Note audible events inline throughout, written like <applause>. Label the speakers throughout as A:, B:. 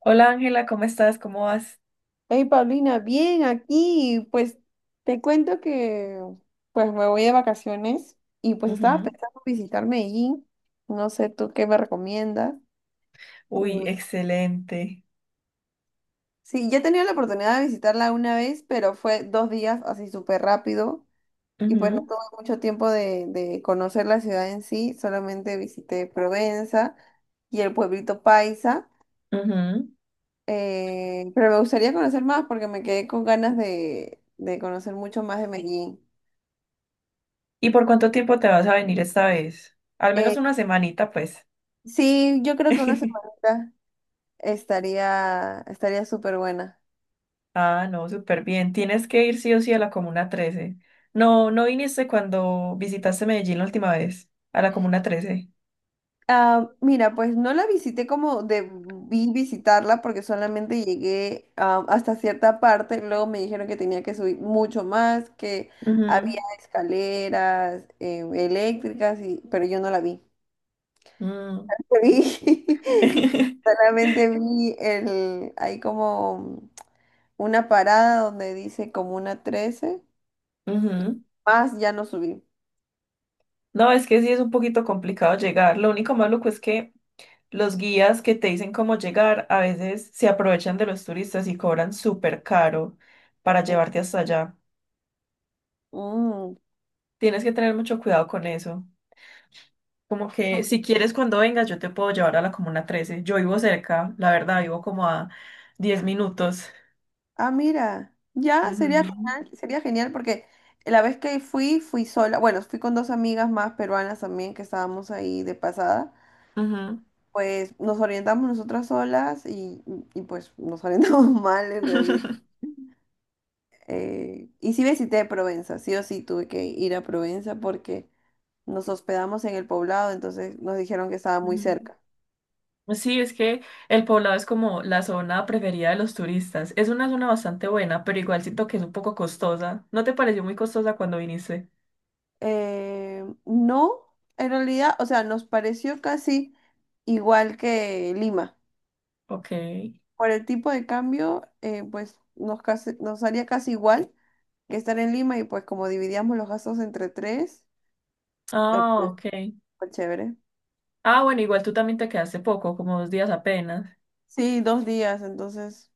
A: Hola Ángela, ¿cómo estás? ¿Cómo vas?
B: Hey Paulina, bien aquí. Pues te cuento que pues me voy de vacaciones y pues estaba
A: Ujú.
B: pensando visitar Medellín. No sé tú qué me recomiendas.
A: Uy,
B: Mm,
A: excelente.
B: Sí, ya he tenido la oportunidad de visitarla una vez, pero fue dos días así súper rápido y pues no tuve mucho tiempo de conocer la ciudad en sí. Solamente visité Provenza y el pueblito Paisa.
A: Ujú, ujú.
B: Pero me gustaría conocer más porque me quedé con ganas de conocer mucho más de Medellín.
A: ¿Y por cuánto tiempo te vas a venir esta vez? Al menos
B: Eh,
A: una semanita, pues.
B: Sí, yo creo que una
A: <laughs>
B: semanita estaría súper buena.
A: Ah, no, súper bien. Tienes que ir sí o sí a la Comuna 13. No, no viniste cuando visitaste Medellín la última vez, a la Comuna 13.
B: Ah, mira, pues no la visité como debí visitarla porque solamente llegué hasta cierta parte. Luego me dijeron que tenía que subir mucho más, que
A: Ujú,
B: había escaleras eléctricas, pero yo no la vi.
A: mm.
B: <laughs> Vi-
A: <laughs>
B: Solamente vi hay como una parada donde dice como una trece.
A: Ujú.
B: Más ya no subí.
A: No, es que sí es un poquito complicado llegar. Lo único malo es que los guías que te dicen cómo llegar a veces se aprovechan de los turistas y cobran súper caro para llevarte hasta allá.
B: Mm.
A: Tienes que tener mucho cuidado con eso. Como que si quieres cuando vengas yo te puedo llevar a la Comuna trece. Yo vivo cerca, la verdad, vivo como a 10 minutos.
B: Ah, mira, ya
A: Ujú,
B: sería genial porque la vez que fui, fui sola, bueno, fui con dos amigas más peruanas también que estábamos ahí de pasada,
A: ujú.
B: pues nos orientamos nosotras solas y pues nos orientamos <laughs> mal en realidad.
A: <laughs>
B: Y sí visité Provenza, sí o sí tuve que ir a Provenza porque nos hospedamos en el poblado, entonces nos dijeron que estaba muy
A: Ujú.
B: cerca.
A: Sí, es que el poblado es como la zona preferida de los turistas. Es una zona bastante buena, pero igual siento que es un poco costosa. ¿No te pareció muy costosa cuando viniste?
B: No, en realidad, o sea, nos pareció casi igual que Lima.
A: Ok.
B: Por el tipo de cambio, pues nos haría casi igual que estar en Lima y pues como dividíamos los gastos entre tres,
A: Ah,
B: pues
A: ok.
B: fue chévere.
A: Ah, bueno, igual tú también te quedaste poco, como 2 días apenas.
B: Sí, dos días, entonces.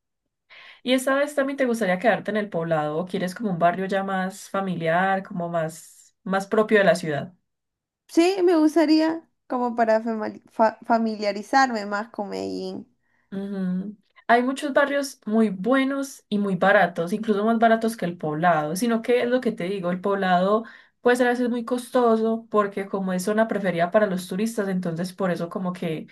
A: ¿Y esta vez también te gustaría quedarte en el poblado o quieres como un barrio ya más familiar, como más, más propio de la ciudad?
B: Sí, me gustaría como para familiarizarme más con Medellín.
A: Ujú. Hay muchos barrios muy buenos y muy baratos, incluso más baratos que el poblado, sino que es lo que te digo, el poblado puede ser a veces muy costoso porque como es zona preferida para los turistas, entonces por eso como que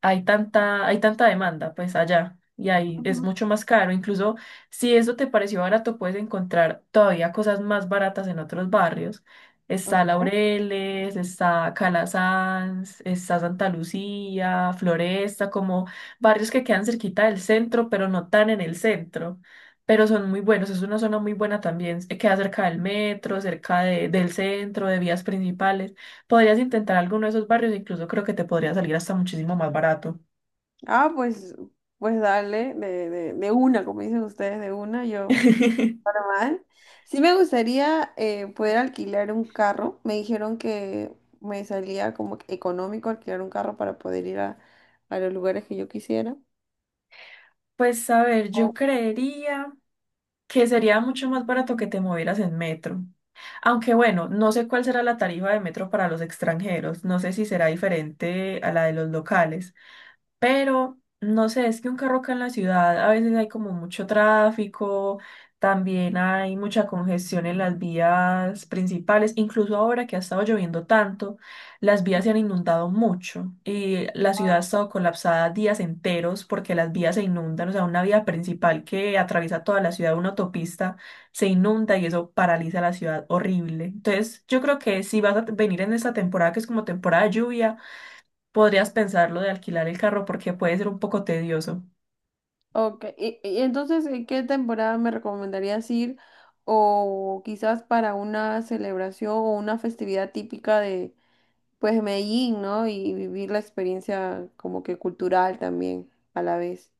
A: hay tanta demanda, pues allá, y ahí es
B: Ujú.
A: mucho más caro. Incluso si eso te pareció barato, puedes encontrar todavía cosas más baratas en otros barrios. Está
B: Ok.
A: Laureles, está Calasanz, está Santa Lucía, Floresta, como barrios que quedan cerquita del centro, pero no tan en el centro. Pero son muy buenos, es una zona muy buena también. Queda cerca del metro, cerca del centro, de vías principales. Podrías intentar alguno de esos barrios, incluso creo que te podría salir hasta muchísimo más barato.
B: Ah, pues dale, de una, como dicen ustedes, de una, yo,
A: <laughs>
B: mal. Sí me gustaría poder alquilar un carro. Me dijeron que me salía como que económico alquilar un carro para poder ir a los lugares que yo quisiera.
A: Pues a ver, yo
B: O-
A: creería que sería mucho más barato que te movieras en metro. Aunque bueno, no sé cuál será la tarifa de metro para los extranjeros, no sé si será diferente a la de los locales. Pero no sé, es que un carro acá en la ciudad a veces hay como mucho tráfico, también hay mucha congestión en las vías principales, incluso ahora que ha estado lloviendo tanto, las vías se han inundado mucho y la ciudad ha estado colapsada días enteros porque las vías se inundan, o sea, una vía principal que atraviesa toda la ciudad, una autopista, se inunda y eso paraliza la ciudad horrible. Entonces, yo creo que si vas a venir en esta temporada, que es como temporada de lluvia, podrías pensarlo de alquilar el carro porque puede ser un poco tedioso.
B: Ok, y entonces, ¿en qué temporada me recomendarías ir? O quizás para una celebración o una festividad típica pues, de Medellín, ¿no? Y vivir la experiencia como que cultural también a la vez.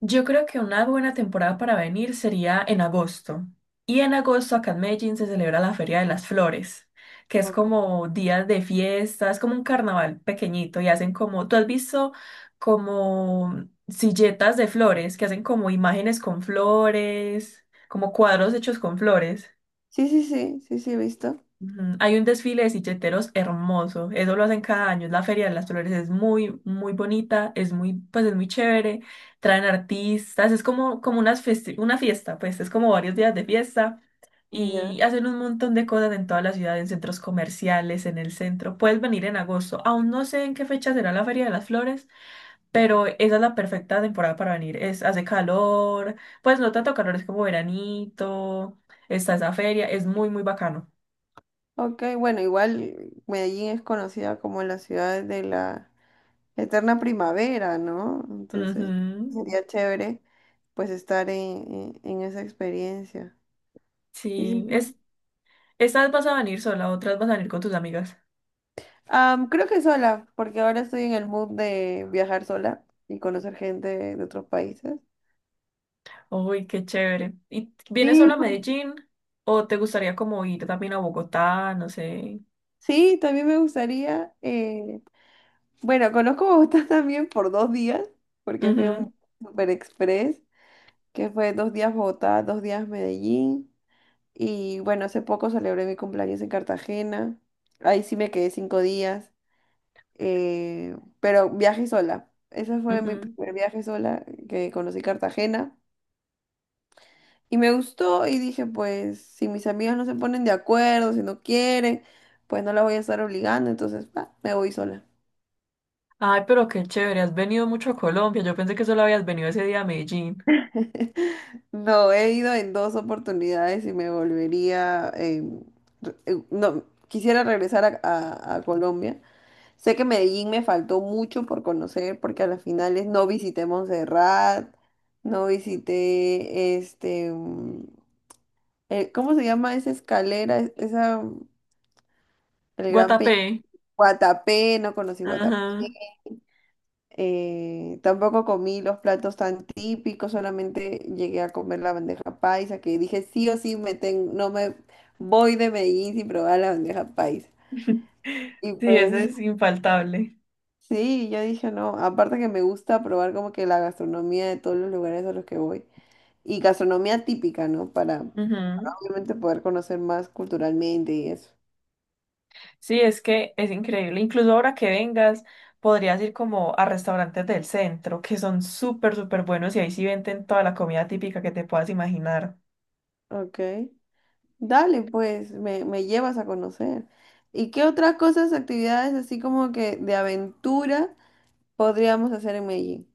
A: Yo creo que una buena temporada para venir sería en agosto. Y en agosto acá en Medellín se celebra la Feria de las Flores, que es
B: Ok.
A: como días de fiesta, es como un carnaval pequeñito y hacen como, tú has visto como silletas de flores, que hacen como imágenes con flores, como cuadros hechos con flores.
B: Sí, sí, sí, sí, sí, he visto.
A: Ujú. Hay un desfile de silleteros hermoso, eso lo hacen cada año, es la Feria de las Flores, es muy, muy bonita, es muy, pues es muy chévere, traen artistas, es como, como una fiesta, pues es como varios días de fiesta
B: Ya.
A: y hacen un montón de cosas en toda la ciudad, en centros comerciales, en el centro, puedes venir en agosto, aún no sé en qué fecha será la Feria de las Flores, pero esa es la perfecta temporada para venir, es, hace calor, pues no tanto calor, es como veranito, está esa feria, es muy, muy bacano.
B: Ok, bueno, igual Medellín es conocida como la ciudad de la eterna primavera, ¿no? Entonces
A: Ujú.
B: sería chévere pues estar en esa experiencia. Y sí,
A: Sí,
B: sí.
A: estas vas a venir sola, otras vas a venir con tus amigas.
B: Creo que sola, porque ahora estoy en el mood de viajar sola y conocer gente de otros países.
A: Uy, qué chévere. ¿Y vienes
B: Sí,
A: sola a
B: por-
A: Medellín o te gustaría como ir también a Bogotá? No sé.
B: sí, también me gustaría, bueno, conozco Bogotá <laughs> también por dos días, porque fui a un super express, que fue dos días Bogotá, dos días Medellín. Y bueno, hace poco celebré mi cumpleaños en Cartagena. Ahí sí me quedé cinco días, pero viaje sola. Ese
A: Ujú,
B: fue mi
A: ujú.
B: primer viaje sola que conocí Cartagena. Y me gustó y dije, pues si mis amigas no se ponen de acuerdo, si no quieren, pues no la voy a estar obligando, entonces pa, me voy sola.
A: Ay, pero qué chévere, has venido mucho a Colombia. Yo pensé que solo habías venido ese día a Medellín.
B: <laughs> No, he ido en dos oportunidades y me volvería, no, quisiera regresar a Colombia. Sé que Medellín me faltó mucho por conocer porque a las finales no visité Montserrat, no visité este, ¿cómo se llama esa escalera? Esa, el Gran Peñón,
A: Guatapé.
B: Guatapé, no conocí Guatapé.
A: Ajá.
B: Tampoco comí los platos tan típicos, solamente llegué a comer la bandeja paisa, que dije sí o sí no me voy de Medellín sin probar la bandeja paisa.
A: <laughs>
B: Y
A: Sí, ese
B: pues,
A: es infaltable.
B: sí, yo dije no. Aparte que me gusta probar como que la gastronomía de todos los lugares a los que voy. Y gastronomía típica, ¿no? Para
A: Ujú.
B: obviamente poder conocer más culturalmente y eso.
A: Sí, es que es increíble. Incluso ahora que vengas, podrías ir como a restaurantes del centro, que son súper, súper buenos y ahí sí venden toda la comida típica que te puedas imaginar.
B: Ok. Dale, pues, me llevas a conocer. ¿Y qué otras cosas, actividades así como que de aventura podríamos hacer en Medellín?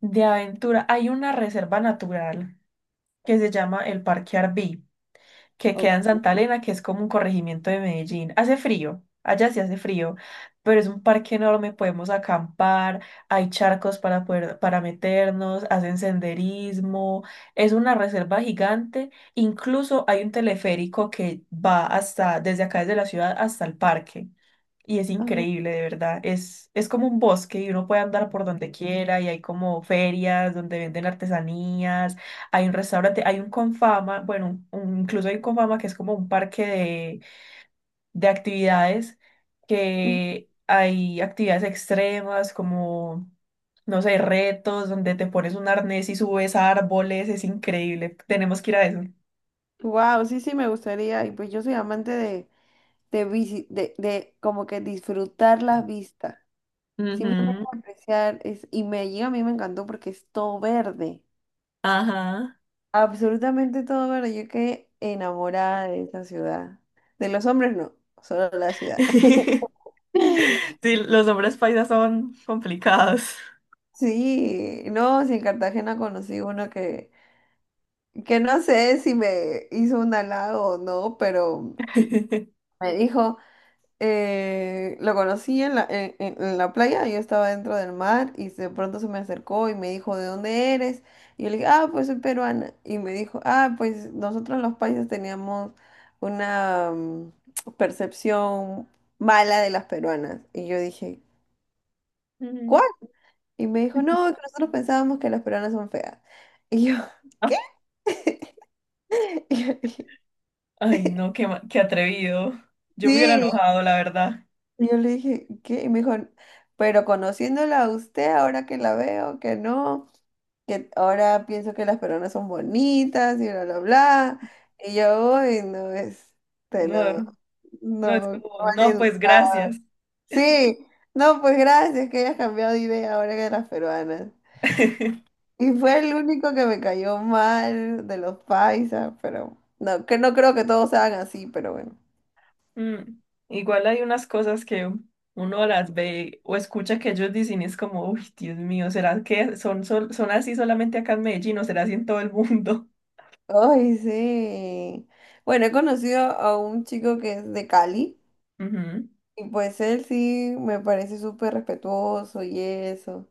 A: De aventura, hay una reserva natural que se llama el Parque Arví, que queda en
B: Ok.
A: Santa Elena, que es como un corregimiento de Medellín. Hace frío, allá sí hace frío, pero es un parque enorme, podemos acampar, hay charcos para poder, para meternos, hacen senderismo, es una reserva gigante, incluso hay un teleférico que va hasta, desde acá desde la ciudad hasta el parque. Y es increíble, de verdad. Es como un bosque y uno puede andar por donde quiera y hay como ferias donde venden artesanías, hay un restaurante, hay un Confama, bueno, incluso hay un Confama que es como un parque de actividades, que hay actividades extremas como, no sé, retos donde te pones un arnés y subes a árboles, es increíble. Tenemos que ir a eso.
B: Wow, sí, sí, me gustaría. Y pues yo soy amante de como que disfrutar las vistas. Simplemente
A: Ujú,
B: apreciar y Medellín a mí me encantó porque es todo verde,
A: Ajá.
B: absolutamente todo verde. Yo quedé enamorada de esa ciudad. De los hombres no, solo la ciudad.
A: <laughs>
B: <laughs>
A: Sí, los hombres paisas son complicados.
B: Sí, no, si en Cartagena conocí uno que no sé si me hizo un halago o no, pero
A: <laughs>
B: me dijo. Lo conocí en la, en la playa, yo estaba dentro del mar y de pronto se me acercó y me dijo, ¿de dónde eres? Y yo le dije, ah, pues soy peruana. Y me dijo, ah, pues nosotros los paisas teníamos una percepción mala de las peruanas. Y yo dije,
A: Ujú.
B: ¿cuál? Y me dijo, no,
A: <laughs>
B: que nosotros pensábamos que las peruanas son feas. Y yo, <laughs> ¿qué? <laughs> Y yo dije,
A: Ay, no, qué, qué atrevido. Yo me hubiera
B: sí.
A: enojado, la verdad.
B: Y yo le dije, ¿qué? Y me dijo, pero conociéndola a usted, ahora que la veo, que no, que ahora pienso que las peruanas son bonitas y bla, bla, bla. Y yo, uy, no, este,
A: No,
B: no,
A: no, es
B: no,
A: como,
B: mal
A: no, pues
B: educada.
A: gracias.
B: Sí, no, pues gracias que hayas cambiado de idea ahora que de las peruanas.
A: <laughs>
B: Y fue el único que me cayó mal de los paisas, pero no, que no creo que todos sean así, pero bueno.
A: Mm, Igual hay unas cosas que uno las ve o escucha que ellos dicen y es como, uy, Dios mío, ¿será que son, son así solamente acá en Medellín o será así en todo el mundo?
B: Ay, sí. Bueno, he conocido a un chico que es de Cali
A: <laughs> Ujú,
B: y pues él sí me parece súper respetuoso y eso.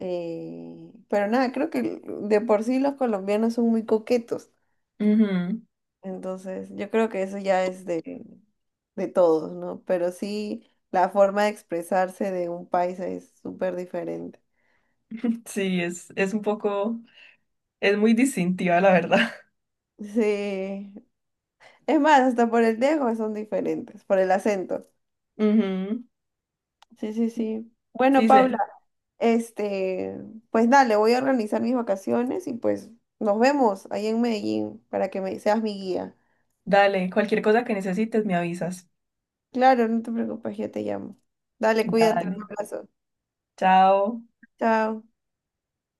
B: Pero nada, creo que de por sí los colombianos son muy coquetos.
A: ujú.
B: Entonces, yo creo que eso ya es de todos, ¿no? Pero sí, la forma de expresarse de un país es súper diferente.
A: Sí, es un poco, es muy distintiva, la verdad.
B: Sí. Es más, hasta por el dejo son diferentes, por el acento.
A: <laughs> Ujú.
B: Sí, sí, sí. Bueno,
A: Sí,
B: Paula, este, pues dale, voy a organizar mis vacaciones y pues nos vemos ahí en Medellín para que seas mi guía.
A: dale, cualquier cosa que necesites me avisas.
B: Claro, no te preocupes, yo te llamo. Dale, cuídate,
A: Dale.
B: un abrazo.
A: Chao.
B: Chao.